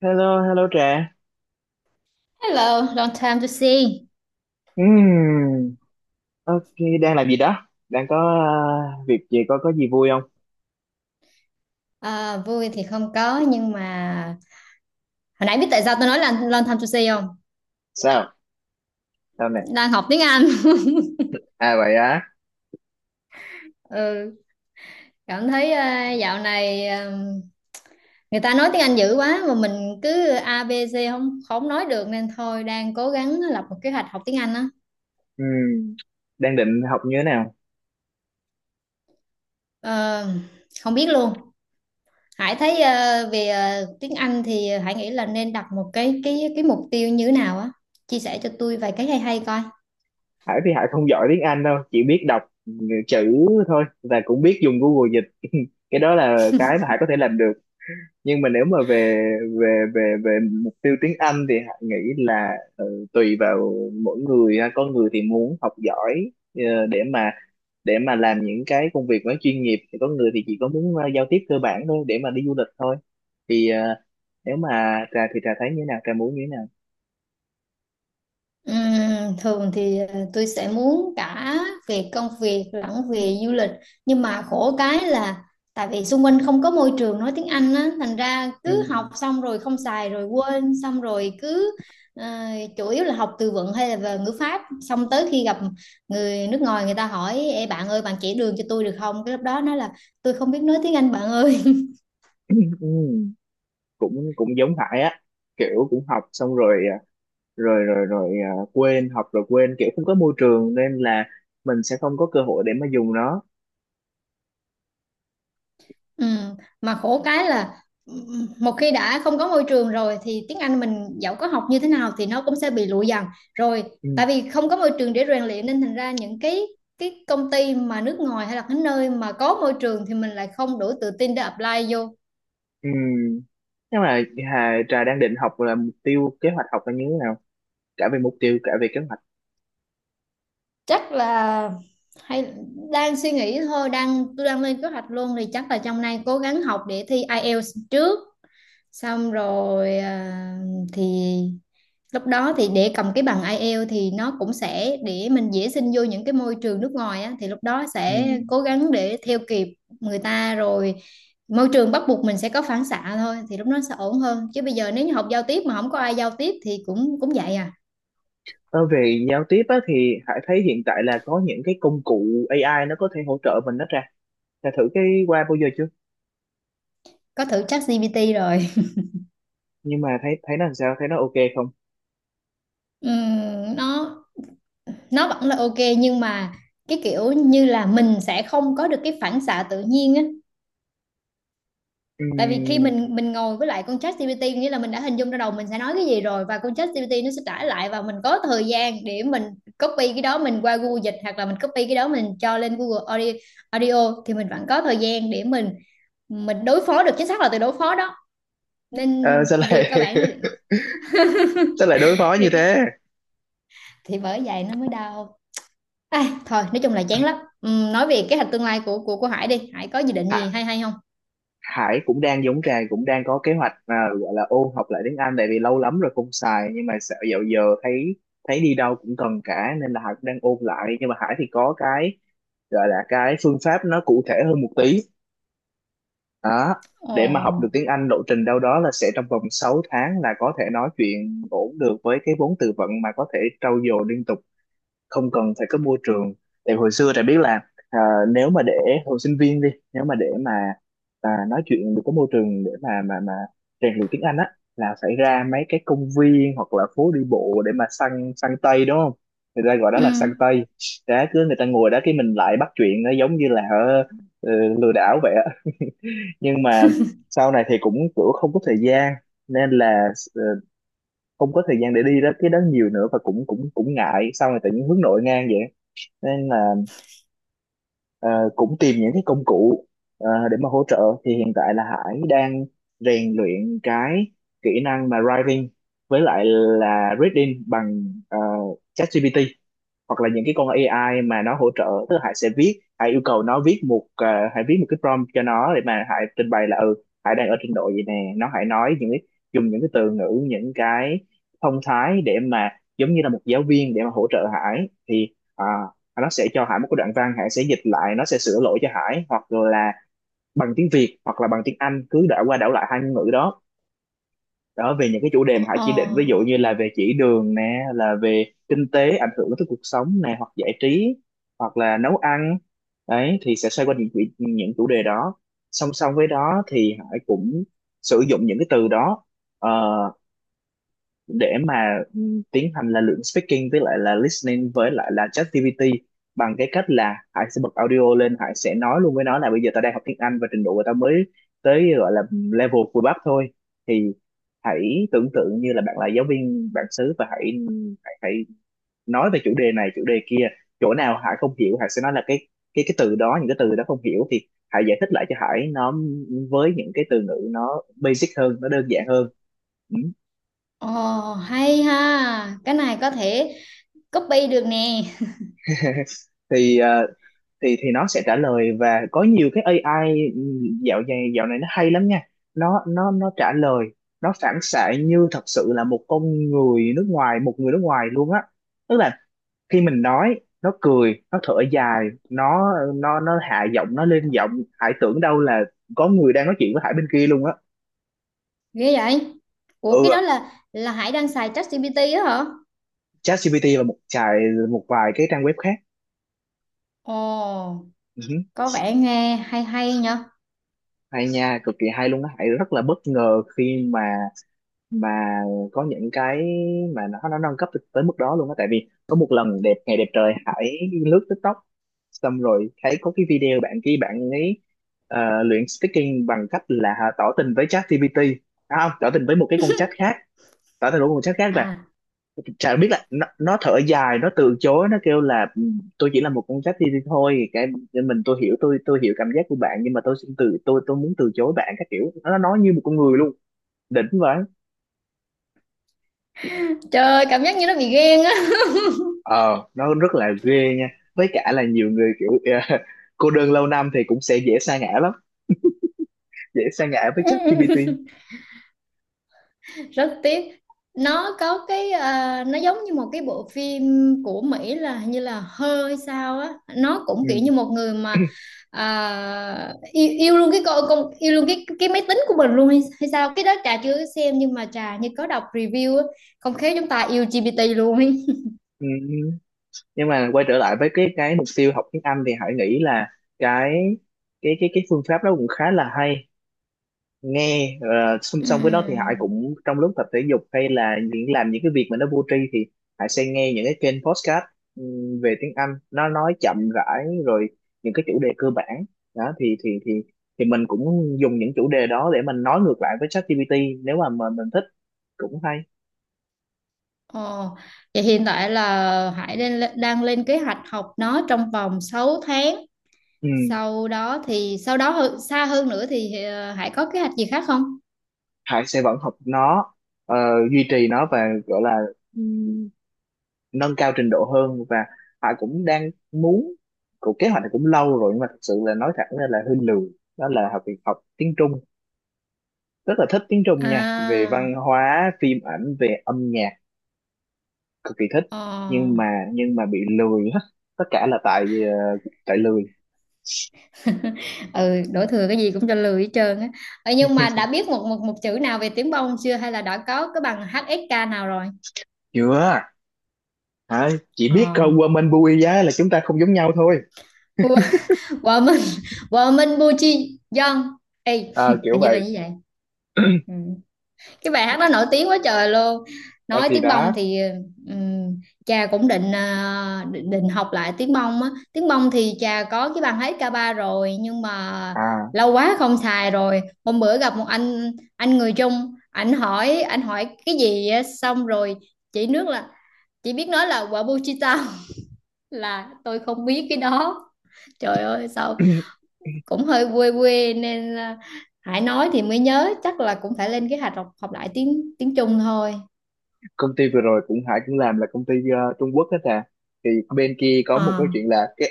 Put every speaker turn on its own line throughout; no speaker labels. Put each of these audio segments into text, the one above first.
Hello, hello Trà.
Hello, long time to see.
Ừm, ok, đang làm gì đó? Đang có việc gì, có gì vui không?
À, vui thì không có nhưng mà hồi nãy biết tại sao tôi nói là long time to see không?
Sao? Sao nè?
Đang học tiếng Anh.
À vậy á.
Ừ, cảm thấy dạo này người ta nói tiếng Anh dữ quá mà mình cứ ABC không không nói được nên thôi đang cố gắng lập một kế hoạch học tiếng Anh á.
Ừm, đang định học như thế nào?
Ờ, không biết luôn. Hải thấy về tiếng Anh thì Hải nghĩ là nên đặt một cái mục tiêu như thế nào á. Chia sẻ cho tôi vài cái hay hay coi.
Hải thì Hải không giỏi tiếng Anh đâu, chỉ biết đọc chữ thôi và cũng biết dùng Google dịch. Cái đó là cái mà Hải có thể làm được. Nhưng mà nếu mà về về mục tiêu tiếng Anh thì Hải nghĩ là tùy vào mỗi người ha. Có người thì muốn học giỏi để mà làm những cái công việc nó chuyên nghiệp thì có người thì chỉ có muốn giao tiếp cơ bản thôi để mà đi du lịch thôi thì nếu mà trà thì trà thấy như thế nào, trà muốn như thế nào?
Thường thì tôi sẽ muốn cả về công việc lẫn về du lịch, nhưng mà khổ cái là tại vì xung quanh không có môi trường nói tiếng Anh á, thành ra
Ừ.
cứ học xong rồi không xài rồi quên, xong rồi cứ ờ, chủ yếu là học từ vựng hay là về ngữ pháp, xong tới khi gặp người nước ngoài, người ta hỏi "Ê, bạn ơi, bạn chỉ đường cho tôi được không?", cái lúc đó nói là tôi không biết nói tiếng Anh bạn ơi.
Ừ, cũng cũng giống Hải á, kiểu cũng học xong rồi, rồi quên, học rồi quên, kiểu không có môi trường nên là mình sẽ không có cơ hội để mà dùng nó.
Ừ, mà khổ cái là một khi đã không có môi trường rồi thì tiếng Anh mình dẫu có học như thế nào thì nó cũng sẽ bị lụi dần rồi,
Ừ,
tại vì không có môi trường để rèn luyện nên thành ra những cái công ty mà nước ngoài hay là cái nơi mà có môi trường thì mình lại không đủ tự tin để apply vô.
Ừ. nhưng mà Hà trà đang định học là mục tiêu kế hoạch học là như thế nào, cả về mục tiêu cả về kế hoạch?
Chắc là hay, đang suy nghĩ thôi, tôi đang lên kế hoạch luôn thì chắc là trong nay cố gắng học để thi IELTS trước, xong rồi thì lúc đó thì để cầm cái bằng IELTS thì nó cũng sẽ để mình dễ xin vô những cái môi trường nước ngoài á, thì lúc đó
Ừ.
sẽ cố gắng để theo kịp người ta rồi, môi trường bắt buộc mình sẽ có phản xạ thôi thì lúc đó sẽ ổn hơn, chứ bây giờ nếu như học giao tiếp mà không có ai giao tiếp thì cũng cũng vậy à.
Ờ, về giao tiếp á, thì Hải thấy hiện tại là có những cái công cụ AI nó có thể hỗ trợ mình đó ra. Đã thử cái qua bao giờ chưa?
Có thử ChatGPT rồi.
Nhưng mà thấy, thấy nó làm sao? Thấy nó ok không?
Ừm, nó nó vẫn là ok, nhưng mà cái kiểu như là mình sẽ không có được cái phản xạ tự nhiên á, tại vì khi
Ừm,
mình ngồi với lại con chat GPT nghĩa là mình đã hình dung ra đầu mình sẽ nói cái gì rồi, và con chat GPT nó sẽ trả lại và mình có thời gian để mình copy cái đó mình qua Google dịch, hoặc là mình copy cái đó mình cho lên Google Audio, Audio thì mình vẫn có thời gian để mình đối phó được, chính xác là từ đối phó đó. Nên
ờ, sao
việc
lại
các bạn
sao lại đối phó như
việc các-
thế?
thì bởi vậy nó mới đau. Thôi nói chung là chán lắm. Nói về kế hoạch tương lai của Hải đi, Hải có dự định
Hải,
gì hay hay không?
Hải cũng đang giống Trà, cũng đang có kế hoạch gọi là ôn học lại tiếng Anh tại vì lâu lắm rồi không xài, nhưng mà sợ dạo giờ thấy thấy đi đâu cũng cần cả nên là Hải cũng đang ôn lại. Nhưng mà Hải thì có cái gọi là cái phương pháp nó cụ thể hơn một tí đó,
Ồ.
để mà học được tiếng Anh. Lộ trình đâu đó là sẽ trong vòng 6 tháng là có thể nói chuyện ổn được, với cái vốn từ vựng mà có thể trau dồi liên tục không cần phải có môi trường. Tại hồi xưa Trà biết là à, nếu mà để hồi sinh viên đi, nếu mà để mà nói chuyện được, có môi trường để mà mà rèn luyện tiếng Anh á, là phải ra mấy cái công viên hoặc là phố đi bộ để mà săn, săn tây, đúng không? Người ta gọi đó
Ừ.
là săn tây. Đó, cứ người ta ngồi đó cái mình lại bắt chuyện, nó giống như là ờ, lừa đảo vậy á. Nhưng mà sau này thì cũng kiểu không có thời gian, nên là ờ, không có thời gian để đi đó cái đó nhiều nữa, và cũng cũng cũng ngại. Sau này tự nhiên hướng nội ngang vậy, nên là ờ, cũng tìm những cái công cụ để mà hỗ trợ. Thì hiện tại là Hải đang rèn luyện cái kỹ năng mà writing với lại là reading bằng ChatGPT hoặc là những cái con AI mà nó hỗ trợ. Tức là Hải sẽ viết, Hải yêu cầu nó viết một Hải viết một cái prompt cho nó, để mà Hải trình bày là ừ Hải đang ở trình độ gì nè, nó Hải nói những cái, dùng những cái từ ngữ những cái thông thái để mà giống như là một giáo viên để mà hỗ trợ Hải. Thì nó sẽ cho Hải một cái đoạn văn, Hải sẽ dịch lại, nó sẽ sửa lỗi cho Hải, hoặc là bằng tiếng Việt hoặc là bằng tiếng Anh, cứ đảo qua đảo lại hai ngôn ngữ đó. Đó, về những cái chủ đề mà họ
Ồ.
chỉ định, ví dụ như là về chỉ đường nè, là về kinh tế ảnh hưởng tới cuộc sống nè, hoặc giải trí hoặc là nấu ăn. Đấy, thì sẽ xoay quanh những những chủ đề đó. Song song với đó thì Hải cũng sử dụng những cái từ đó ờ, để mà ừ, tiến hành là lượng speaking với lại là listening với lại là ChatGPT, bằng cái cách là Hải sẽ bật audio lên, Hải sẽ nói luôn với nó là bây giờ tao đang học tiếng Anh và trình độ của tao mới tới, gọi là level vừa bắp thôi. Thì hãy tưởng tượng như là bạn là giáo viên bản xứ và hãy hãy nói về chủ đề này chủ đề kia. Chỗ nào Hải không hiểu Hải sẽ nói là cái cái từ đó, những cái từ đó không hiểu, thì Hải giải thích lại cho Hải nó, với những cái từ ngữ nó basic hơn, nó đơn giản hơn. Ừ.
Ồ, hay ha, cái này có thể copy được nè.
Thì thì nó sẽ trả lời. Và có nhiều cái AI dạo này, dạo này nó hay lắm nha. Nó trả lời, nó phản xạ như thật sự là một con người nước ngoài, một người nước ngoài luôn á. Tức là khi mình nói nó cười, nó thở dài, nó hạ giọng, nó lên giọng. Hải tưởng đâu là có người đang nói chuyện với Hải bên kia luôn á.
Ghê vậy? Ủa,
Ừ,
cái đó là Hải đang xài ChatGPT á hả?
ChatGPT và một vài cái trang web khác.
Ồ,
Ừ,
có vẻ nghe hay hay nha.
hay nha, cực kỳ hay luôn á. Hải rất là bất ngờ khi mà có những cái mà nó nâng cấp tới tới mức đó luôn á. Tại vì có một lần đẹp ngày đẹp trời Hải lướt TikTok xong rồi thấy có cái video bạn kia, bạn ấy luyện speaking bằng cách là tỏ tình với ChatGPT. Không, tỏ tình với một cái con chat khác, tỏ tình với một con chat khác. Và
À,
chả biết là nó thở dài, nó từ chối, nó kêu là "Ừ, tôi chỉ là một con chat GPT thôi, cái mình tôi hiểu, tôi hiểu cảm giác của bạn, nhưng mà tôi xin từ, tôi muốn từ chối bạn", các kiểu. Nó nói như một con người luôn, đỉnh vậy.
trời, cảm giác như nó bị ghen á.
Ờ, nó rất là ghê nha. Với cả là nhiều người kiểu ờ, cô đơn lâu năm thì cũng sẽ dễ sa ngã lắm, dễ sa ngã với ChatGPT.
Rất tiếc, nó có cái, nó giống như một cái bộ phim của Mỹ, là hình như là hơi sao á, nó cũng
Ừ.
kiểu như một người mà yêu luôn cái con, yêu luôn cái máy tính của mình luôn hay, sao, cái đó Trà chưa có xem nhưng mà Trà như có đọc review á. Không khéo chúng ta yêu GPT luôn ấy.
Ừ, nhưng mà quay trở lại với cái mục tiêu học tiếng Anh, thì Hải nghĩ là cái cái cái phương pháp đó cũng khá là hay nghe. Ờ, Song song với đó thì Hải
Ừm.
cũng trong lúc tập thể dục hay là những làm những cái việc mà nó vô tri thì Hải sẽ nghe những cái kênh podcast về tiếng Anh, nó nói chậm rãi rồi những cái chủ đề cơ bản đó. Thì thì mình cũng dùng những chủ đề đó để mình nói ngược lại với ChatGPT, nếu mà mình thích, cũng hay.
Ồ, vậy hiện tại là Hải đang lên kế hoạch học nó trong vòng 6 tháng,
Ừ.
sau đó thì sau đó xa hơn nữa thì Hải có kế hoạch gì khác không?
Hải sẽ vẫn học nó, ờ, duy trì nó và gọi là nâng cao trình độ hơn. Và họ cũng đang muốn, cuộc kế hoạch này cũng lâu rồi nhưng mà thật sự là nói thẳng ra là hơi lười, đó là học, việc học tiếng Trung. Rất là thích tiếng Trung nha, về
À,
văn hóa phim ảnh, về âm nhạc, cực kỳ thích.
ờ.
Nhưng mà nhưng mà bị lười hết. Tất cả là tại tại lười.
Ừ, đổ thừa cái gì cũng cho lười hết trơn á. Ờ, nhưng mà đã biết một một một chữ nào về tiếng bông chưa hay là đã có cái bằng HSK nào rồi?
Chưa, hả? Chỉ
Ờ.
biết Woman Bui giá là chúng ta không giống nhau thôi.
Wo- Woman, woman Buchi Young. Ê,
Ờ,
hình
kiểu
như là như
vậy.
vậy. Ừ, cái bài hát đó nổi tiếng quá trời luôn.
Ờ,
Nói
thì
tiếng
đó.
bông thì ừm, cha cũng định học lại tiếng bông á, tiếng bông thì cha có cái bàn hát ca ba rồi nhưng mà
À
lâu quá không xài rồi. Hôm bữa gặp một anh người Trung, anh hỏi cái gì á, xong rồi chỉ nước là chỉ biết nói là quả bu chi tao. Là tôi không biết cái đó. Trời ơi sao cũng hơi quê quê, nên Hải nói thì mới nhớ, chắc là cũng phải lên kế hoạch học học lại tiếng tiếng Trung thôi.
Công ty vừa rồi cũng, Hải cũng làm là công ty Trung Quốc hết à. Thì bên kia có một
Ờ.
cái chuyện là cái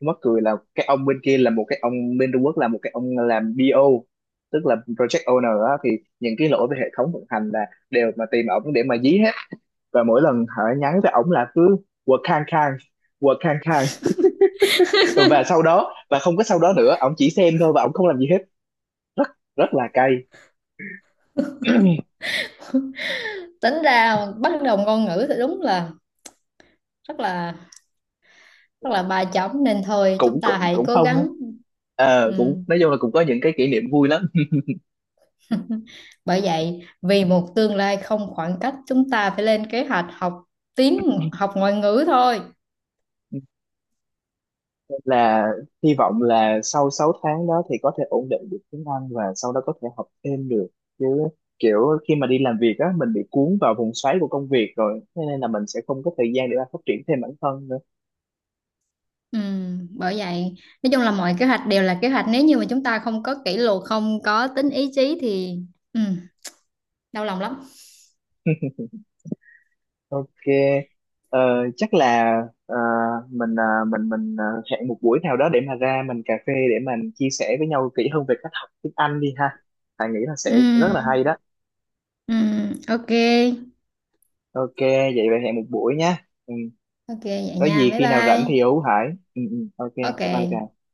mắc cười là cái ông bên kia là một cái ông bên Trung Quốc, là một cái ông làm BO, tức là Project Owner á. Thì những cái lỗi về hệ thống vận hành là đều mà tìm ổng để mà dí hết. Và mỗi lần Hải nhắn với ổng là cứ work khang khang, work khang khang. Và sau đó, và không có sau đó nữa, ổng chỉ xem thôi và ổng không làm gì hết. Rất Rất là cay.
Tính ra bắt đầu ngôn ngữ thì đúng là rất là ba chấm, nên thôi
cũng
chúng ta
cũng
hãy
cũng
cố
không á.
gắng.
Ờ,
Ừ.
cũng nói chung là cũng có những cái kỷ niệm vui lắm.
Bởi vậy, vì một tương lai không khoảng cách chúng ta phải lên kế hoạch học ngoại ngữ thôi.
Nên là hy vọng là sau 6 tháng đó thì có thể ổn định được tiếng Anh và sau đó có thể học thêm được. Chứ kiểu khi mà đi làm việc á mình bị cuốn vào vòng xoáy của công việc rồi, thế nên là mình sẽ không có thời gian để mà phát triển thêm bản thân nữa.
Ừ. Bởi vậy nói chung là mọi kế hoạch đều là kế hoạch, nếu như mà chúng ta không có kỷ luật, không có tính ý chí thì ừ. đau lòng lắm.
Ok, ờ, chắc là ờ, mình mình hẹn một buổi nào đó để mà ra mình cà phê, để mình chia sẻ với nhau kỹ hơn về cách học tiếng Anh đi ha. Thà nghĩ là sẽ
Ừ.
rất là hay đó.
Ừ. Ok,
Ok, vậy vậy hẹn một buổi nha. Ừ,
ok, vậy
có
nha,
gì
bye
khi nào rảnh thì
bye.
hú Hải. Ok, bye bye
Ok
Trà.